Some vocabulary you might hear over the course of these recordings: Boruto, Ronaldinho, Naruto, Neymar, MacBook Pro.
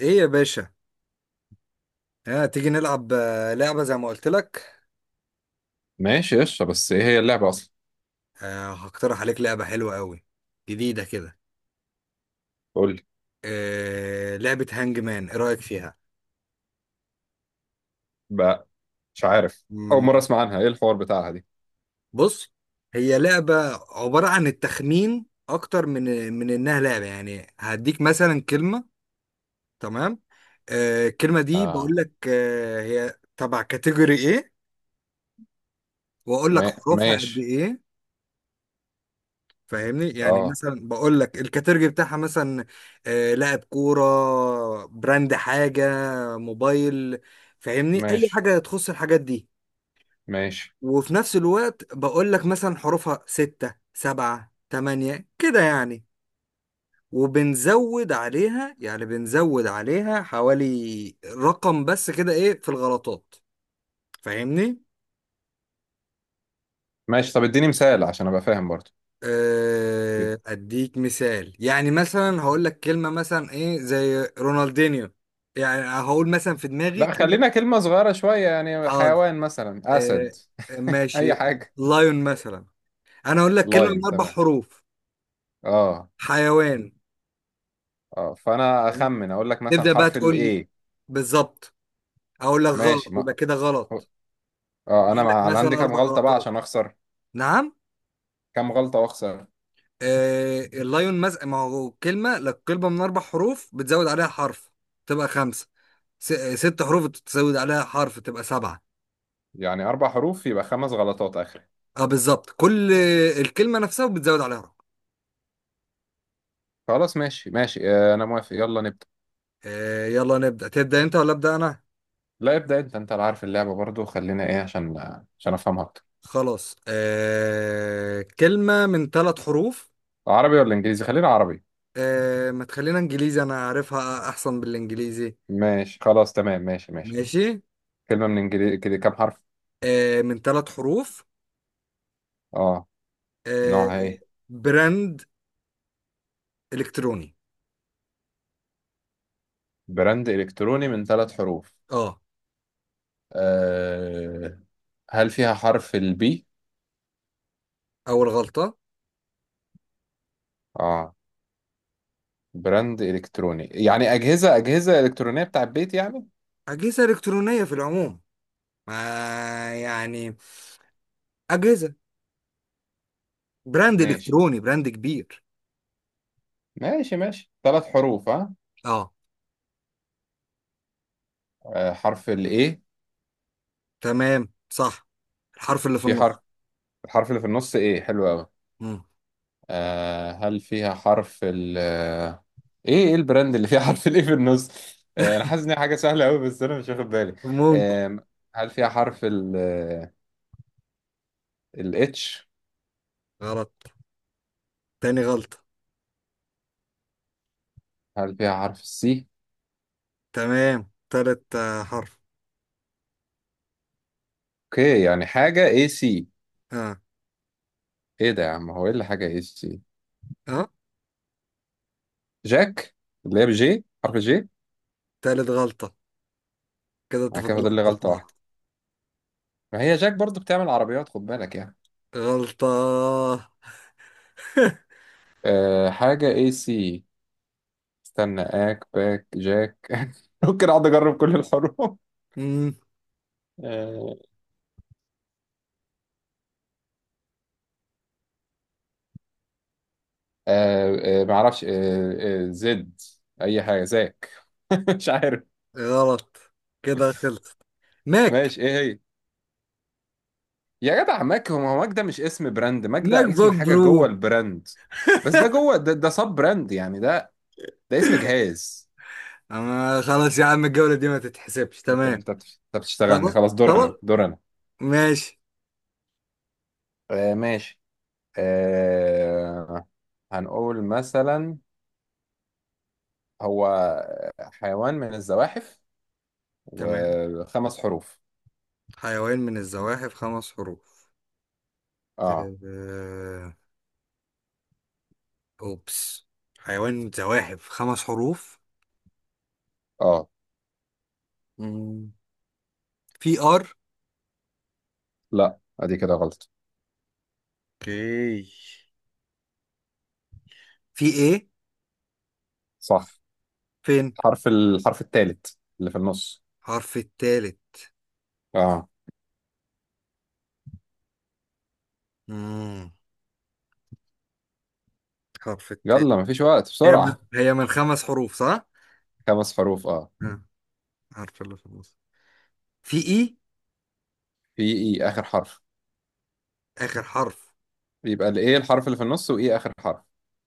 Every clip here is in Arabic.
ايه يا باشا؟ تيجي نلعب لعبة زي ما قلت لك. ماشي قشطة، بس ايه هي اللعبة اصلا؟ هقترح عليك لعبة حلوة قوي، جديدة كده. قول لي. لعبة هانج مان، ايه رأيك فيها؟ بقى مش عارف، اول مم. مرة اسمع عنها. ايه الحوار بتاعها دي؟ بص، هي لعبة عبارة عن التخمين اكتر من انها لعبة، يعني هديك مثلا كلمة. تمام. الكلمة دي بقول اه. لك هي تبع كاتيجوري ايه، واقول لك ما... حروفها قد ماشي. ايه. فاهمني؟ يعني اه مثلا بقول لك الكاتيرجي بتاعها مثلا، لاعب كورة، براند، حاجة موبايل. فاهمني؟ اي ماشي حاجة تخص الحاجات دي. ماشي وفي نفس الوقت بقول لك مثلا حروفها 6 7 8 كده يعني، وبنزود عليها، يعني بنزود عليها حوالي رقم بس كده، ايه في الغلطات. فاهمني؟ ماشي. طب اديني مثال عشان ابقى فاهم برضو. اديك مثال، يعني مثلا هقول لك كلمه مثلا ايه زي رونالدينيو، يعني هقول مثلا في دماغي لا كلمه. خلينا كلمة صغيرة شوية، يعني حاضر. حيوان مثلا آه، اسد. ماشي. اي حاجة. لايون مثلا، انا اقول لك كلمه من لاين، اربع تمام. حروف اه حيوان. اه، فانا اخمن اقول لك مثلا تبدا بقى حرف تقول لي، الاي. بالظبط. اقول لك غلط ماشي. ما... يبقى كده غلط. اه انا بقول لك عندي مثلا كام اربع غلطة بقى غلطات عشان اخسر؟ نعم. كام غلطة واخسر؟ اللايون، ما هو كلمة لك كلمة من 4 حروف، بتزود عليها حرف تبقى 5. س... آه، 6 حروف بتزود عليها حرف تبقى 7. يعني اربع حروف يبقى خمس غلطات اخر. اه، بالظبط. كل الكلمة نفسها بتزود عليها حرف. خلاص ماشي ماشي، انا موافق، يلا نبدأ. يلا نبدأ، تبدأ أنت ولا أبدأ أنا؟ لا ابدأ انت، انت اللي عارف اللعبة برضو، خلينا ايه عشان افهمها اكتر. خلاص. كلمة من 3 حروف. عربي ولا انجليزي؟ خلينا عربي. ما تخلينا إنجليزي، أنا عارفها أحسن بالإنجليزي. ماشي خلاص تمام ماشي ماشي. ماشي. كلمة من انجليزي كده، كام حرف؟ من 3 حروف. اه. آه نوعها ايه؟ براند إلكتروني. براند الكتروني من ثلاث حروف. اه. أه... هل فيها حرف البي؟ أول غلطة. اه. براند الكتروني يعني اجهزة اجهزة الكترونية بتاع البيت يعني. أجهزة إلكترونية في العموم، ما يعني أجهزة، براند ماشي. إلكتروني، براند كبير. ماشي ماشي، ثلاث حروف ها. اه، حرف الايه. تمام، صح. الحرف اللي في في النص. الحرف اللي في النص ايه، حلو قوي. مم. هل فيها حرف ال آه، ايه البراند اللي فيها حرف الايه في النص؟ انا حاسس ان هي حاجه سهله قوي بس انا مش واخد بالي. ممكن. آه هل فيها حرف ال الاتش؟ غلط، تاني غلطة. هل فيها حرف السي؟ تمام، تالت، حرف. اوكي، يعني حاجه اي سي. اه، ايه ده يا عم؟ هو ايه اللي حاجه اي سي؟ اه، جاك، اللي هي بجي حرف جي. تالت غلطة. كده انت انا كده فاضل فاضل لي لك غلطة غلطه واحدة. واحده. ما هي جاك برضو بتعمل عربيات، خد بالك يعني. غلطة. حاجه اي سي. استنى، اك باك جاك ممكن اقعد اجرب كل الحروف. مم. آه، معرفش. زد، اي حاجه زاك. مش عارف. غلط، كده خلصت. ماك. ماشي، ايه هي؟ يا جدع ماك؟ هو هو ماك ده مش اسم براند، ماك ماك ده اسم بوك حاجه برو. جوه البراند. بس ده جوه، ده ده سب براند يعني، ده ده اسم جهاز. أما خلاص يا عم، الجولة دي ما تتحسبش. انت تمام، انت بتشتغلني. خلاص، خلاص دور خلاص، انا دور انا. ماشي. ماشي. آه، هنقول مثلا، هو حيوان من الزواحف تمام. وخمس حروف. حيوان من الزواحف 5 حروف. اه. آه، أوبس. حيوان من الزواحف خمس حروف. اه. مم. في آر. لا ادي كده غلط. اوكي. في إيه، صح. فين، الحرف الثالث، اللي في النص. حرف التالت. اه. مم. حرف التالت. يلا مفيش وقت، هي من, بسرعة. هي من 5 حروف صح؟ خمس حروف اه. آه، عارف اللي في النص. في إي، في ايه، اخر حرف. آخر حرف. يبقى الايه الحرف اللي في النص وايه اخر حرف.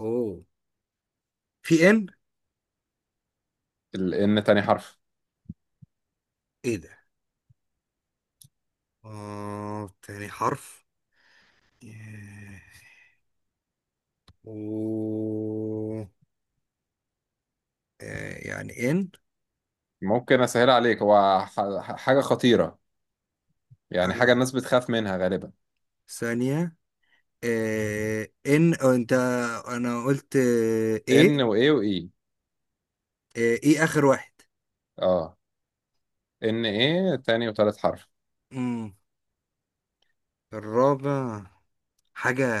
أوه. في إن. الان تاني حرف. إيه ده؟ تاني حرف. آه، أوه. يعني إن. ممكن اسهل عليك، هو حاجة خطيرة، يعني حاجة الناس بتخاف منها غالبا. ثانية. ان أو انت. انا قلت ان ايه. وايه وايه. ايه اخر واحد. اه. ان ايه، تاني وتالت حرف. امم الرابع، حاجة.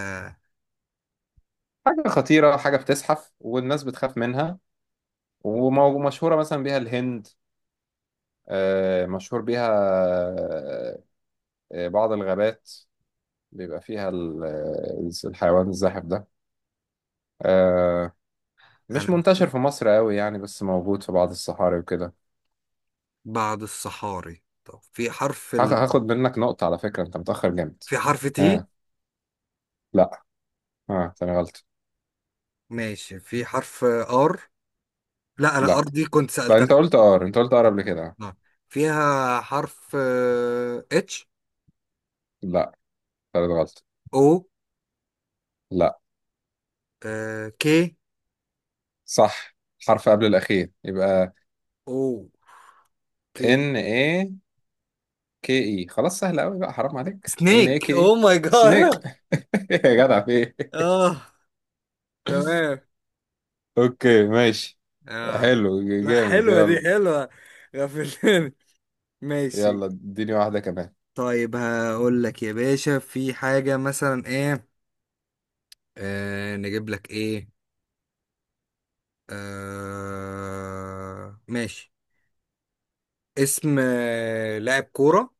حاجة خطيرة، حاجة بتزحف والناس بتخاف منها، ومشهورة مثلا بيها الهند. آه، مشهور بيها آه، بعض الغابات بيبقى فيها الحيوان الزاحف ده. آه، مش انا منتشر في مصر قوي يعني، بس موجود في بعض الصحاري وكده. بعد الصحاري، طب هاخد منك نقطة على فكرة، انت متأخر جامد. في حرف تي. اه. لا. اه تاني غلط. ماشي، في حرف ار، لا انا ار لا. دي كنت لا سألتها. انت قلت ار، انت قلت ار قبل كده. آه. فيها حرف اتش. لا. تالت غلط. او لا. كي، صح. حرف قبل الأخير يبقى او كي. ان اي. كي اي، خلاص سهل قوي بقى، حرام عليك، ان اي سنيك كي او اي. ماي سنيك. جاد. يا جدع في ايه؟ اه، تمام. اوكي ماشي. اه. حلو لا، جامد حلوة دي يلا. حلوة، غفلتني. ماشي. يلا اديني واحدة كمان. طيب هقول لك يا باشا، في حاجة مثلا ايه، نجيب لك ايه، ماشي، اسم لاعب كورة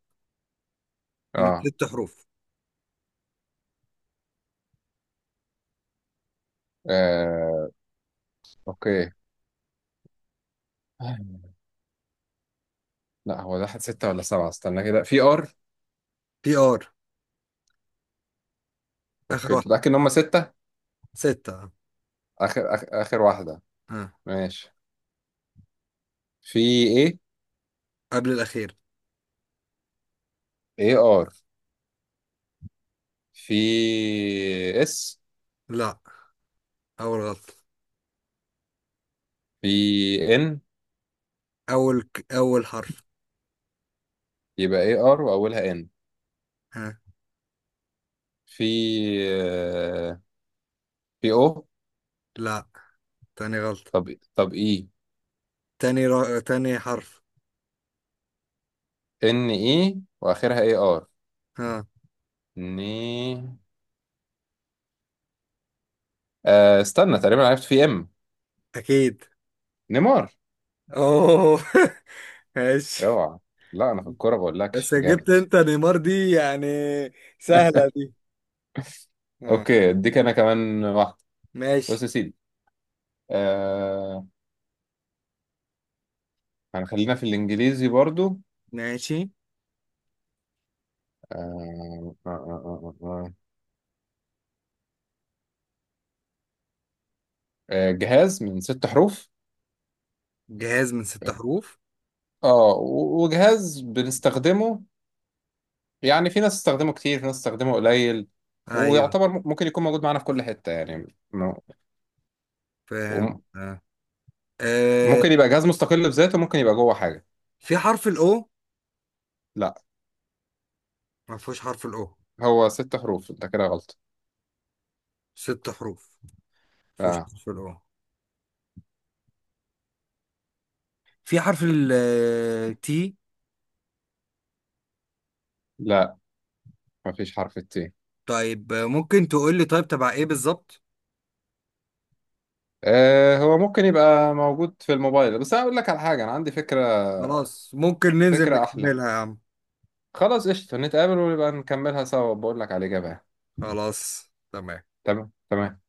من اه. 6 حروف. آه، اوكي. لا هو ده ستة ولا سبعة؟ استنى كده، في ار. بي ار، اخر اوكي، واحد، تتأكد ان هم ستة. 6 اه. آخر واحدة. آه. ماشي. في ايه. قبل الاخير. اي ار. في اس. لا، اول غلطة. في ان. اول حرف. يبقى اي ار واولها ان. ها. في آه، في او. لا، تاني غلطة. طب طب اي. تاني حرف. ان اي واخرها اي ار. ها. ني آه، استنى تقريبا عرفت، في ام. اكيد. نيمار. اوه. ماشي. اوعى. لا انا في الكورة بس بقولكش جبت جامد. انت نيمار دي يعني سهلة دي. اه، اوكي اديك انا كمان واحده. بص ماشي. يا سيدي، آه، هنخلينا في الانجليزي برضو. ماشي، آه آه آه آه آه. آه، جهاز من ست حروف. جهاز من 6 حروف. اه، وجهاز بنستخدمه، يعني في ناس تستخدمه كتير في ناس تستخدمه قليل. ايوه، ويعتبر ممكن يكون موجود معانا في كل حته يعني، فاهم، وم- اه. آه. ممكن يبقى جهاز مستقل بذاته، ممكن يبقى جوه حاجه. في حرف الاو. لا. ما فيهوش حرف الاو، هو ست حروف، انت كده غلط. 6 حروف ما فيهوش آه. حرف الاو. في حرف التي. لا. مفيش حرف الت. طيب ممكن تقول لي طيب تبع ايه بالظبط. آه، هو ممكن يبقى موجود في الموبايل، بس انا اقول لك على حاجه، انا عندي فكره. خلاص ممكن ننزل فكره احلى، نكملها يا عم. خلاص قشطه، نتقابل ونبقى نكملها سوا، بقول لك على الاجابه يعني. خلاص، تمام. تمام تمام.